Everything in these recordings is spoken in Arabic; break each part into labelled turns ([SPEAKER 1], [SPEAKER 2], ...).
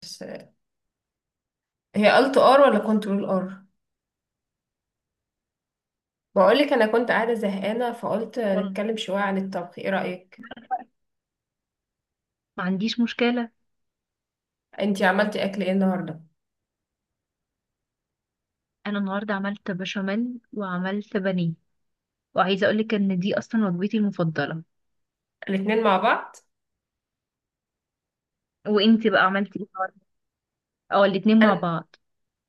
[SPEAKER 1] بس، هي قلت ار ولا كنترول ار؟ بقولك انا كنت قاعده زهقانه فقلت
[SPEAKER 2] والله،
[SPEAKER 1] نتكلم شويه عن الطبخ، ايه رايك؟
[SPEAKER 2] ما عنديش مشكلة.
[SPEAKER 1] انتي عملتي اكل ايه النهارده؟
[SPEAKER 2] أنا النهاردة عملت بشاميل وعملت بانيه، وعايزة أقولك إن دي أصلا وجبتي المفضلة.
[SPEAKER 1] الاتنين مع بعض.
[SPEAKER 2] وإنتي بقى عملتي إيه النهاردة؟ أو الاتنين مع
[SPEAKER 1] انا
[SPEAKER 2] بعض.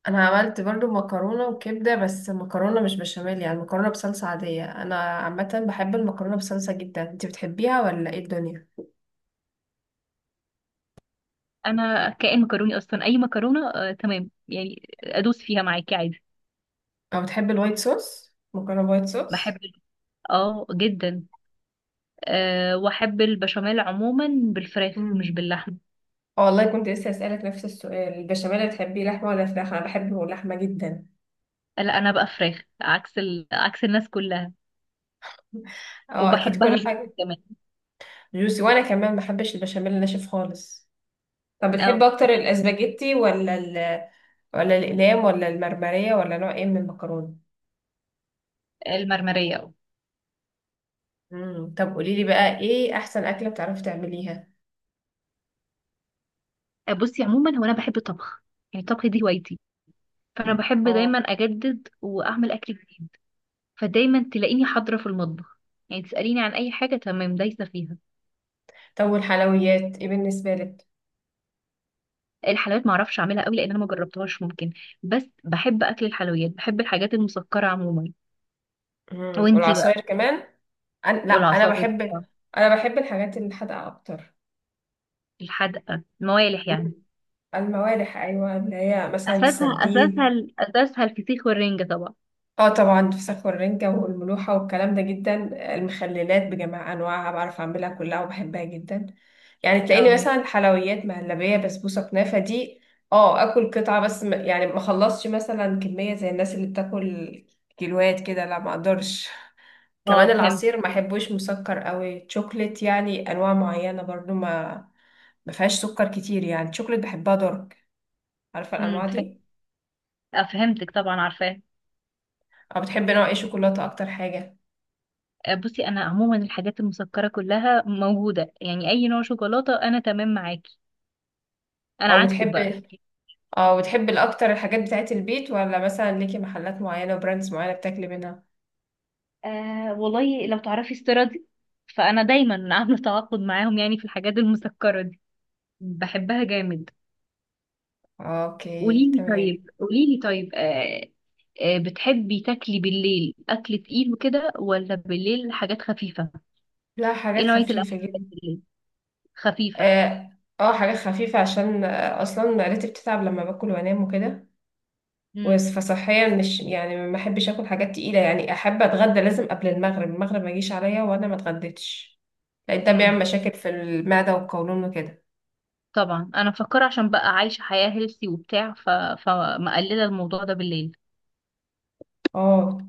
[SPEAKER 1] انا عملت برضو مكرونه وكبده، بس مكرونه مش بشاميل، يعني مكرونه بصلصه عاديه. انا عامه بحب المكرونه بصلصه جدا، انتي بتحبيها ولا ايه الدنيا؟
[SPEAKER 2] أنا كائن مكروني أصلا، أي مكرونة آه تمام، يعني أدوس فيها معاكي عادي.
[SPEAKER 1] او بتحبي الوايت صوص، مكرونه وايت
[SPEAKER 2] بحب
[SPEAKER 1] صوص؟
[SPEAKER 2] ال- اه، جدا. أه، وأحب البشاميل عموما، بالفراخ
[SPEAKER 1] امم
[SPEAKER 2] مش باللحمة.
[SPEAKER 1] آه والله، كنت لسه اسالك نفس السؤال، البشاميل بتحبيه لحمه ولا فراخ؟ انا بحبه لحمه جدا.
[SPEAKER 2] لا، أنا بقى فراخ، عكس الناس كلها،
[SPEAKER 1] اه اكيد،
[SPEAKER 2] وبحبها
[SPEAKER 1] كل
[SPEAKER 2] جدا
[SPEAKER 1] حاجه
[SPEAKER 2] كمان.
[SPEAKER 1] جوسي، وانا كمان ما بحبش البشاميل الناشف خالص. طب
[SPEAKER 2] اه،
[SPEAKER 1] بتحب اكتر الاسباجيتي ولا الاقلام ولا المرمرية ولا نوع ايه من المكرونة؟
[SPEAKER 2] المرمرية.
[SPEAKER 1] طب قولي لي بقى ايه احسن اكلة بتعرفي تعمليها؟
[SPEAKER 2] اه، بصي، عموما هو أنا بحب الطبخ، يعني الطبخ دي هوايتي، فانا بحب
[SPEAKER 1] اه،
[SPEAKER 2] دايما اجدد واعمل اكل جديد. فدايما تلاقيني حاضره في المطبخ، يعني تساليني عن اي حاجه تمام دايسه فيها.
[SPEAKER 1] طب والحلويات ايه بالنسبة لك؟
[SPEAKER 2] الحلويات ما اعرفش اعملها قوي، لان انا ما جربتهاش. ممكن، بس بحب اكل الحلويات، بحب الحاجات المسكره عموما. وانتي بقى؟
[SPEAKER 1] والعصاير كمان؟ لا، انا
[SPEAKER 2] والعصائر
[SPEAKER 1] بحب
[SPEAKER 2] طبعا.
[SPEAKER 1] انا بحب الحاجات الحادقة اكتر.
[SPEAKER 2] الحدقه الموالح يعني.
[SPEAKER 1] مم. الموالح، ايوه، اللي هي مثلا
[SPEAKER 2] اساسها اساسها
[SPEAKER 1] السردين.
[SPEAKER 2] ال- اساسها الفسيخ والرنجه طبعا.
[SPEAKER 1] اه طبعا، الفسخ والرنجة والملوحة والكلام ده جدا. المخللات بجميع انواعها بعرف اعملها كلها وبحبها جدا. يعني تلاقيني
[SPEAKER 2] اه
[SPEAKER 1] مثلا حلويات، مهلبية، بسبوسة، كنافة، دي اه اكل قطعة بس، يعني ما اخلصش مثلا كمية زي الناس اللي بتاكل كيلوات كده، لا ما اقدرش.
[SPEAKER 2] اه،
[SPEAKER 1] كمان
[SPEAKER 2] فهمت.
[SPEAKER 1] العصير ما احبوش مسكر قوي، شوكليت يعني انواع معينة برضو ما فيهاش سكر كتير، يعني شوكليت بحبها دارك، عارفة الانواع
[SPEAKER 2] فهمت.
[SPEAKER 1] دي؟
[SPEAKER 2] آه، فهمتك طبعا، عارفاه.
[SPEAKER 1] او بتحب نوع ايه شوكولاتة اكتر حاجة؟
[SPEAKER 2] آه، بصي انا، عموما الحاجات المسكره كلها موجوده، يعني اي نوع شوكولاته انا تمام معاكي. انا
[SPEAKER 1] او
[SPEAKER 2] عكسك بقى.
[SPEAKER 1] بتحب اه وتحبي الاكتر الحاجات بتاعت البيت ولا مثلا ليكي محلات معينة وبراندز معينة بتاكلي منها؟
[SPEAKER 2] آه، والله لو تعرفي استيرادي، فانا دايما عامله تعاقد معاهم، يعني في الحاجات المسكره دي بحبها جامد.
[SPEAKER 1] اوكي،
[SPEAKER 2] قوليلي طيب
[SPEAKER 1] تمام.
[SPEAKER 2] قوليلي طيب آه آه، بتحبي تاكلي بالليل اكل تقيل وكده، ولا بالليل حاجات خفيفه؟
[SPEAKER 1] لا،
[SPEAKER 2] ايه
[SPEAKER 1] حاجات
[SPEAKER 2] نوعيه الاكل
[SPEAKER 1] خفيفة
[SPEAKER 2] اللي بتحبي
[SPEAKER 1] جدا.
[SPEAKER 2] بالليل؟ خفيفه؟
[SPEAKER 1] اه حاجات خفيفة، عشان اصلا معدتي بتتعب لما باكل وانام وكده.
[SPEAKER 2] امم
[SPEAKER 1] فصحيا مش، يعني ما احبش اكل حاجات تقيلة، يعني احب اتغدى لازم قبل المغرب، المغرب ما يجيش عليا وانا ما اتغديتش، لان ده بيعمل
[SPEAKER 2] امم
[SPEAKER 1] مشاكل في المعدة والقولون وكده.
[SPEAKER 2] طبعا انا مفكره، عشان بقى عايشه حياه هيلثي وبتاع، فمقلله الموضوع ده بالليل.
[SPEAKER 1] اه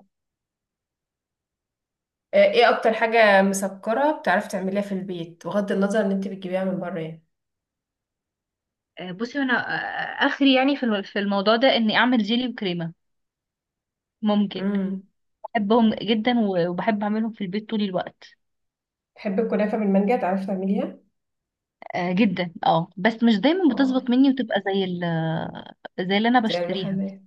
[SPEAKER 1] ايه اكتر حاجة مسكرة بتعرفي تعمليها في البيت، بغض النظر ان انت بتجيبيها من بره يعني؟
[SPEAKER 2] آه، بصي انا اخري، يعني في الموضوع ده، اني اعمل جيلي وكريمه. ممكن.
[SPEAKER 1] امم.
[SPEAKER 2] بحبهم جدا، وبحب اعملهم في البيت طول الوقت.
[SPEAKER 1] بحب الكنافة بالمانجا، تعرفي تعمليها؟
[SPEAKER 2] آه، جدا. اه بس مش دايما
[SPEAKER 1] اه،
[SPEAKER 2] بتظبط مني، وتبقى زي اللي انا
[SPEAKER 1] زي
[SPEAKER 2] بشتريها.
[SPEAKER 1] المحلات.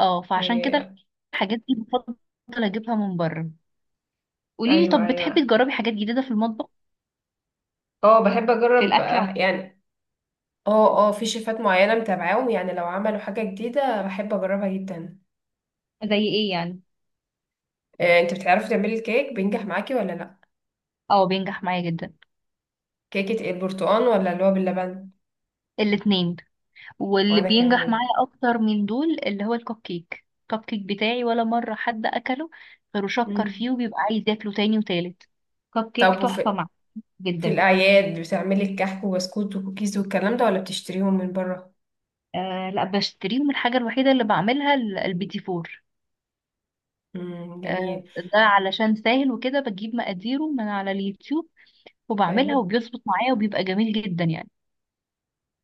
[SPEAKER 2] اه، فعشان كده
[SPEAKER 1] إيه.
[SPEAKER 2] الحاجات دي بفضل اجيبها من بره. قولي لي،
[SPEAKER 1] أيوة
[SPEAKER 2] طب بتحبي
[SPEAKER 1] أيوة.
[SPEAKER 2] تجربي حاجات جديدة في المطبخ،
[SPEAKER 1] اه بحب
[SPEAKER 2] في
[SPEAKER 1] أجرب
[SPEAKER 2] الاكل عموما؟
[SPEAKER 1] يعني. اه اه، في شيفات معينة متابعاهم، يعني لو عملوا حاجة جديدة بحب أجربها جدا.
[SPEAKER 2] زي ايه يعني؟
[SPEAKER 1] إيه. أنت بتعرفي تعملي الكيك، بينجح معاكي ولا لأ؟
[SPEAKER 2] اه بينجح معايا جدا.
[SPEAKER 1] كيكة البرتقال ولا اللي هو باللبن؟
[SPEAKER 2] الاتنين. واللي
[SPEAKER 1] وأنا
[SPEAKER 2] بينجح
[SPEAKER 1] كمان.
[SPEAKER 2] معايا اكتر من دول اللي هو الكب كيك بتاعي، ولا مرة حد اكله غير شكر
[SPEAKER 1] مم.
[SPEAKER 2] فيه، وبيبقى عايز ياكله تاني وتالت. كب كيك
[SPEAKER 1] طب،
[SPEAKER 2] تحفة معايا
[SPEAKER 1] في
[SPEAKER 2] جدا.
[SPEAKER 1] الأعياد بتعملي الكحك وبسكوت وكوكيز والكلام ده ولا بتشتريهم من بره؟
[SPEAKER 2] آه لا، بشتريهم. الحاجة الوحيدة اللي بعملها البيتي فور.
[SPEAKER 1] مم.
[SPEAKER 2] آه،
[SPEAKER 1] جميل.
[SPEAKER 2] ده علشان سهل وكده، بجيب مقاديره من على اليوتيوب وبعملها،
[SPEAKER 1] أيوة.
[SPEAKER 2] وبيظبط معايا وبيبقى جميل جدا يعني.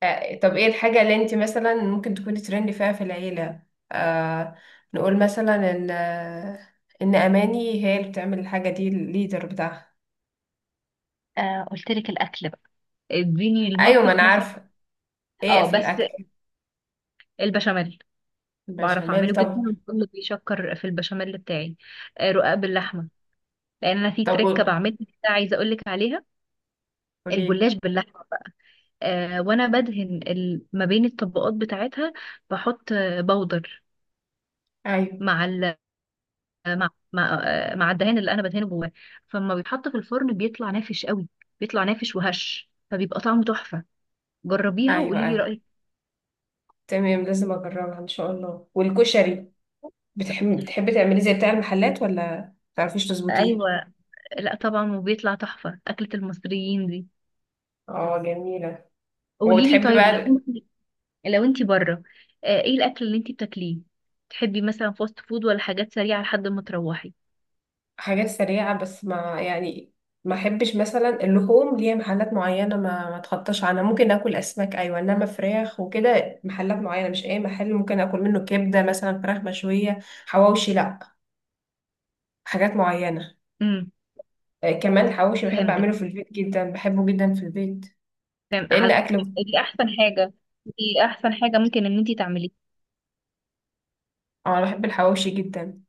[SPEAKER 1] طب ايه الحاجة اللي انت مثلا ممكن تكوني ترند فيها في العيلة؟ آه نقول مثلا ان اماني هي اللي بتعمل الحاجة دي، الليدر بتاعها.
[SPEAKER 2] آه، قلت لك الأكل بقى، اديني
[SPEAKER 1] ايوه، ما
[SPEAKER 2] المطبخ
[SPEAKER 1] انا
[SPEAKER 2] مثلا.
[SPEAKER 1] عارفة. ايه
[SPEAKER 2] اه
[SPEAKER 1] في
[SPEAKER 2] بس
[SPEAKER 1] الاكل؟
[SPEAKER 2] البشاميل، بعرف
[SPEAKER 1] البشاميل،
[SPEAKER 2] اعمله جدا،
[SPEAKER 1] طب.
[SPEAKER 2] وكله بيشكر في البشاميل بتاعي. آه، رقاق باللحمة، لان انا في
[SPEAKER 1] طب
[SPEAKER 2] تركة بعملها كده، عايزة اقول لك عليها.
[SPEAKER 1] قوليلي.
[SPEAKER 2] الجلاش باللحمة. آه، وانا بدهن ما بين الطبقات بتاعتها، بحط آه، بودر
[SPEAKER 1] ايوه
[SPEAKER 2] مع مع الدهان اللي انا بدهنه جواه، فلما بيتحط في الفرن بيطلع نافش قوي، بيطلع نافش وهش، فبيبقى طعمه تحفة. جربيها
[SPEAKER 1] ايوه.
[SPEAKER 2] وقولي لي
[SPEAKER 1] ايوه
[SPEAKER 2] رأيك.
[SPEAKER 1] تمام، لازم اجربها ان شاء الله. والكشري، بتحبي تعملي زي بتاع المحلات ولا متعرفيش تظبطيه؟
[SPEAKER 2] ايوه. لا طبعا، وبيطلع تحفة، أكلة المصريين دي.
[SPEAKER 1] اه جميلة.
[SPEAKER 2] قولي لي
[SPEAKER 1] وبتحبي
[SPEAKER 2] طيب،
[SPEAKER 1] بقى
[SPEAKER 2] انت لو انت بره، آه، ايه الاكل اللي انت بتاكليه؟ تحبي مثلا فاست فود، ولا حاجات سريعة لحد ما تروحي؟
[SPEAKER 1] حاجات سريعة، بس، ما احبش مثلا اللحوم، ليها محلات معينة ما اتخطاش عنها، ممكن اكل اسماك ايوه، انما فراخ وكده محلات معينة، مش اي محل ممكن اكل منه كبدة مثلا، فراخ مشوية، حواوشي لا، حاجات معينة.
[SPEAKER 2] امم
[SPEAKER 1] كمان الحواوشي بحب
[SPEAKER 2] فهمتك،
[SPEAKER 1] اعمله في البيت جدا، بحبه جدا في البيت
[SPEAKER 2] فهم
[SPEAKER 1] لان
[SPEAKER 2] على.
[SPEAKER 1] اكله.
[SPEAKER 2] دي احسن حاجة دي احسن حاجة ممكن ان انت تعمليها.
[SPEAKER 1] اه انا بحب الحواوشي جدا.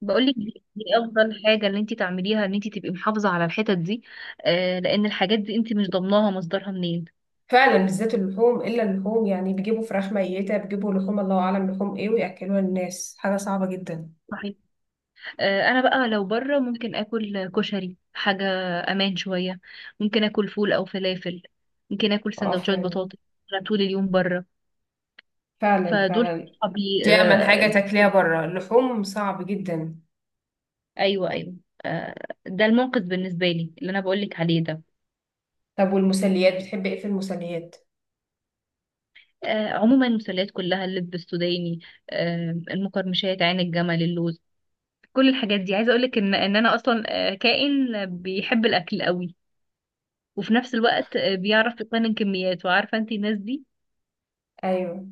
[SPEAKER 2] بقولك دي افضل حاجه ان انت تعمليها، ان انت تبقي محافظه على الحتت دي. آه لان الحاجات دي انت مش ضامناها مصدرها منين.
[SPEAKER 1] فعلا بالذات اللحوم، الا اللحوم يعني، بيجيبوا فراخ ميتة، بيجيبوا لحوم الله اعلم لحوم ايه وياكلوها الناس، حاجة صعبة جدا.
[SPEAKER 2] صحيح. آه، انا بقى لو بره، ممكن اكل كشري، حاجه امان شويه، ممكن اكل فول او فلافل، ممكن اكل
[SPEAKER 1] اه
[SPEAKER 2] سندوتشات
[SPEAKER 1] فعلا،
[SPEAKER 2] بطاطس. أنا طول اليوم بره،
[SPEAKER 1] فعلا،
[SPEAKER 2] فدول
[SPEAKER 1] فعلا.
[SPEAKER 2] صحابي.
[SPEAKER 1] دي أمن حاجة
[SPEAKER 2] آه
[SPEAKER 1] تاكليها بره، اللحوم صعب جدا.
[SPEAKER 2] ايوه، ايوه. آه، ده الموقف بالنسبه لي اللي انا بقولك عليه ده.
[SPEAKER 1] طب والمسليات بتحبي ايه في المسليات؟
[SPEAKER 2] آه، عموما المسلات كلها، اللب السوداني، آه، المقرمشات، عين الجمل، اللوز، كل الحاجات دي. عايزه اقول لك ان انا اصلا آه، كائن بيحب الاكل قوي، وفي نفس الوقت آه، بيعرف يقنن كميات، وعارفه انت الناس دي.
[SPEAKER 1] ايوه.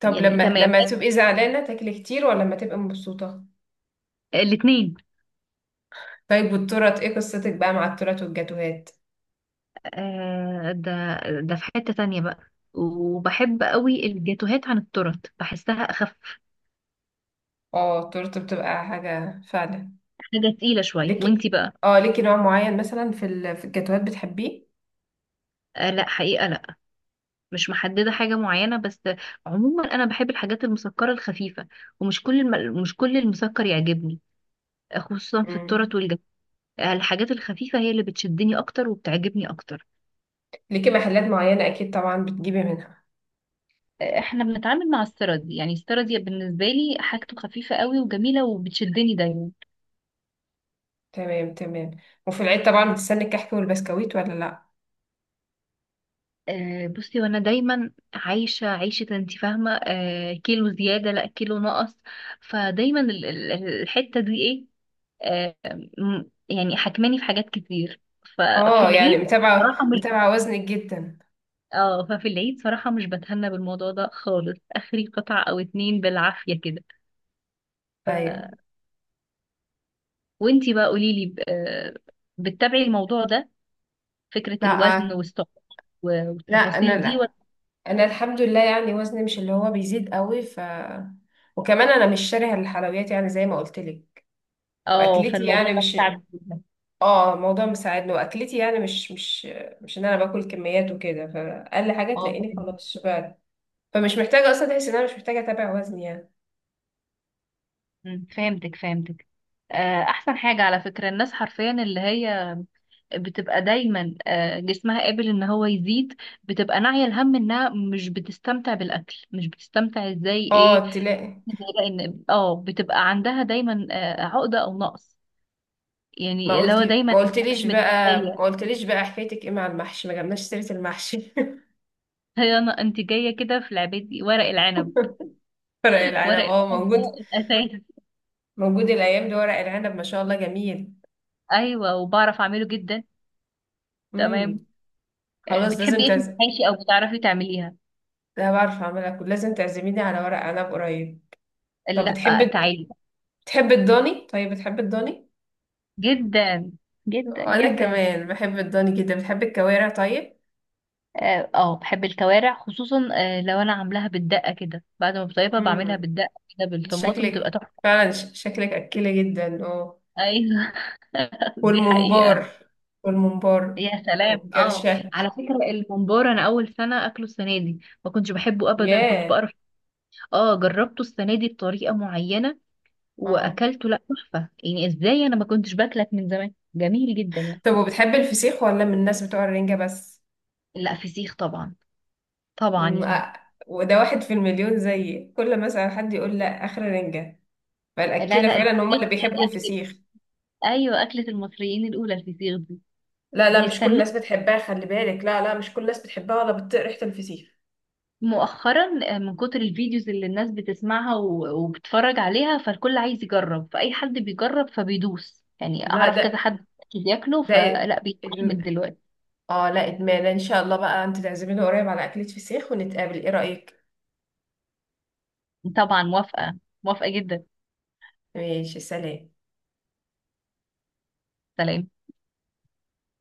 [SPEAKER 1] طب
[SPEAKER 2] يعني
[SPEAKER 1] لما
[SPEAKER 2] تمام.
[SPEAKER 1] لما تبقي زعلانة تاكلي كتير ولا لما تبقي مبسوطة؟
[SPEAKER 2] الاثنين.
[SPEAKER 1] طيب والتورت ايه قصتك بقى مع التورت والجاتوهات؟
[SPEAKER 2] آه ده في حته تانية بقى، وبحب قوي الجاتوهات عن التورت، بحسها اخف،
[SPEAKER 1] اه التورت بتبقى حاجة فعلا.
[SPEAKER 2] حاجه تقيله شويه. وانتي
[SPEAKER 1] ليكي،
[SPEAKER 2] بقى؟
[SPEAKER 1] اه ليكي نوع معين مثلا في الجاتوهات بتحبيه؟
[SPEAKER 2] آه لا، حقيقه لا، مش محدده حاجه معينه، بس عموما انا بحب الحاجات المسكره الخفيفه، ومش كل مش كل المسكر يعجبني، خصوصا في التورت.
[SPEAKER 1] امم.
[SPEAKER 2] الحاجات الخفيفة هي اللي بتشدني أكتر وبتعجبني أكتر.
[SPEAKER 1] ليكي محلات معينة اكيد طبعا بتجيبي منها.
[SPEAKER 2] احنا بنتعامل مع السردي، يعني السردي بالنسبه لي حاجته خفيفه قوي وجميله، وبتشدني دايما.
[SPEAKER 1] تمام تمام. وفي العيد طبعا بتستني الكحك والبسكويت ولا لا؟
[SPEAKER 2] آه، بصي، وانا دايما عايشه عيشه انت فاهمه آه، كيلو زياده لا كيلو نقص. فدايما الحته دي ايه، آه، م- يعني حكماني في حاجات كتير. ففي
[SPEAKER 1] اه يعني،
[SPEAKER 2] العيد
[SPEAKER 1] متابعة
[SPEAKER 2] صراحه مش
[SPEAKER 1] متابعة وزنك جدا؟
[SPEAKER 2] اه ففي العيد صراحه مش بتهنى بالموضوع ده خالص، اخري قطعه او اتنين بالعافيه
[SPEAKER 1] ايوه.
[SPEAKER 2] كده. وانتي بقى قوليلي آه، بتتابعي الموضوع ده، فكرة الوزن
[SPEAKER 1] لا،
[SPEAKER 2] والسعر
[SPEAKER 1] لا انا
[SPEAKER 2] والتفاصيل دي ولا؟
[SPEAKER 1] لا، انا الحمد لله يعني، وزني مش اللي هو بيزيد قوي، وكمان انا مش شاريه الحلويات يعني، زي ما قلت لك،
[SPEAKER 2] اه،
[SPEAKER 1] واكلتي
[SPEAKER 2] فالموضوع
[SPEAKER 1] يعني
[SPEAKER 2] ده
[SPEAKER 1] مش
[SPEAKER 2] بتاعك جدا.
[SPEAKER 1] اه الموضوع مساعدني، واكلتي يعني مش ان انا باكل كميات وكده، فاقل حاجه
[SPEAKER 2] اه،
[SPEAKER 1] تلاقيني
[SPEAKER 2] فهمتك.
[SPEAKER 1] خلاص شبعت، فمش محتاجه، اصلا تحس ان انا مش محتاجه اتابع وزني يعني.
[SPEAKER 2] مم، فهمتك. آه، احسن حاجة على فكرة، الناس حرفيا اللي هي بتبقى دايما آه، جسمها قابل ان هو يزيد، بتبقى ناعية الهم انها مش بتستمتع بالاكل، مش بتستمتع ازاي ايه.
[SPEAKER 1] اه
[SPEAKER 2] زي بقى ان اه بتبقى عندها دايما آه، عقدة او نقص،
[SPEAKER 1] ما
[SPEAKER 2] يعني اللي هو
[SPEAKER 1] قلتي
[SPEAKER 2] دايما
[SPEAKER 1] ما
[SPEAKER 2] انا
[SPEAKER 1] قلتليش
[SPEAKER 2] مش
[SPEAKER 1] بقى ما
[SPEAKER 2] متكفية.
[SPEAKER 1] قلتليش بقى حكايتك ايه مع المحشي؟ ما جبناش سيره المحشي.
[SPEAKER 2] هي انا انت جايه كده في لعبتي، ورق العنب.
[SPEAKER 1] ورق العنب،
[SPEAKER 2] ورق
[SPEAKER 1] اه
[SPEAKER 2] العنب ده
[SPEAKER 1] موجود.
[SPEAKER 2] الاساس.
[SPEAKER 1] موجود الايام دي ورق العنب ما شاء الله، جميل.
[SPEAKER 2] ايوه، وبعرف اعمله جدا. تمام.
[SPEAKER 1] امم.
[SPEAKER 2] آه،
[SPEAKER 1] خلاص،
[SPEAKER 2] بتحبي
[SPEAKER 1] لازم
[SPEAKER 2] ايه في
[SPEAKER 1] تعزم،
[SPEAKER 2] المحاشي، او بتعرفي تعمليها؟
[SPEAKER 1] ده بعرف اعملها، لازم تعزميني على ورق عنب قريب. طب
[SPEAKER 2] لا،
[SPEAKER 1] بتحب
[SPEAKER 2] تعالي.
[SPEAKER 1] بتحب الضاني، طيب بتحب الضاني؟
[SPEAKER 2] جدا جدا
[SPEAKER 1] وانا
[SPEAKER 2] جدا.
[SPEAKER 1] كمان بحب الضاني جدا. بتحب الكوارع طيب؟
[SPEAKER 2] اه، بحب الكوارع، خصوصا آه، لو انا عاملاها بالدقه كده، بعد ما بطيبها بعملها
[SPEAKER 1] امم.
[SPEAKER 2] بالدقه كده بالطماطم، بتبقى
[SPEAKER 1] شكلك
[SPEAKER 2] تحفه.
[SPEAKER 1] فعلا، شكلك اكيله جدا، اه.
[SPEAKER 2] ايوه دي حقيقه.
[SPEAKER 1] والممبار والممبار
[SPEAKER 2] يا سلام اه.
[SPEAKER 1] والكرشه.
[SPEAKER 2] على فكره الممبار، انا اول سنه اكله السنه دي، ما كنتش بحبه ابدا، كنت
[SPEAKER 1] ياه.
[SPEAKER 2] بقرف. اه، جربته السنه دي بطريقه معينه
[SPEAKER 1] اه
[SPEAKER 2] واكلته، لا تحفه، يعني ازاي انا ما كنتش باكلك من زمان، جميل جدا يعني.
[SPEAKER 1] طب وبتحب الفسيخ ولا من الناس بتوع الرنجه بس؟
[SPEAKER 2] لا، فسيخ طبعا. طبعا
[SPEAKER 1] مم،
[SPEAKER 2] يعني.
[SPEAKER 1] آه. وده واحد في المليون زيي، كل مثلا حد يقول لا، اخر رنجه،
[SPEAKER 2] لا
[SPEAKER 1] فالاكيله
[SPEAKER 2] لا،
[SPEAKER 1] فعلا هم
[SPEAKER 2] الفسيخ
[SPEAKER 1] اللي
[SPEAKER 2] ده
[SPEAKER 1] بيحبوا
[SPEAKER 2] اكل.
[SPEAKER 1] الفسيخ.
[SPEAKER 2] ايوه، اكله المصريين الاولى الفسيخ دي،
[SPEAKER 1] لا لا، مش كل
[SPEAKER 2] بيستنوه
[SPEAKER 1] الناس بتحبها خلي بالك، لا لا مش كل الناس بتحبها ولا بتطيق ريحة الفسيخ.
[SPEAKER 2] مؤخرا آه، من كتر الفيديوز اللي الناس بتسمعها وبتتفرج عليها، فالكل عايز يجرب، فاي حد بيجرب فبيدوس، يعني
[SPEAKER 1] لا،
[SPEAKER 2] اعرف كذا
[SPEAKER 1] ده
[SPEAKER 2] حد بياكله،
[SPEAKER 1] ده
[SPEAKER 2] فلا بيتعلم
[SPEAKER 1] إدم...
[SPEAKER 2] دلوقتي.
[SPEAKER 1] اه لا، ادمان ان شاء الله بقى، انت تعزميني قريب على اكلة فسيخ ونتقابل، ايه رأيك؟
[SPEAKER 2] طبعا موافقه، موافقه جدا.
[SPEAKER 1] ماشي، سلام.
[SPEAKER 2] سلام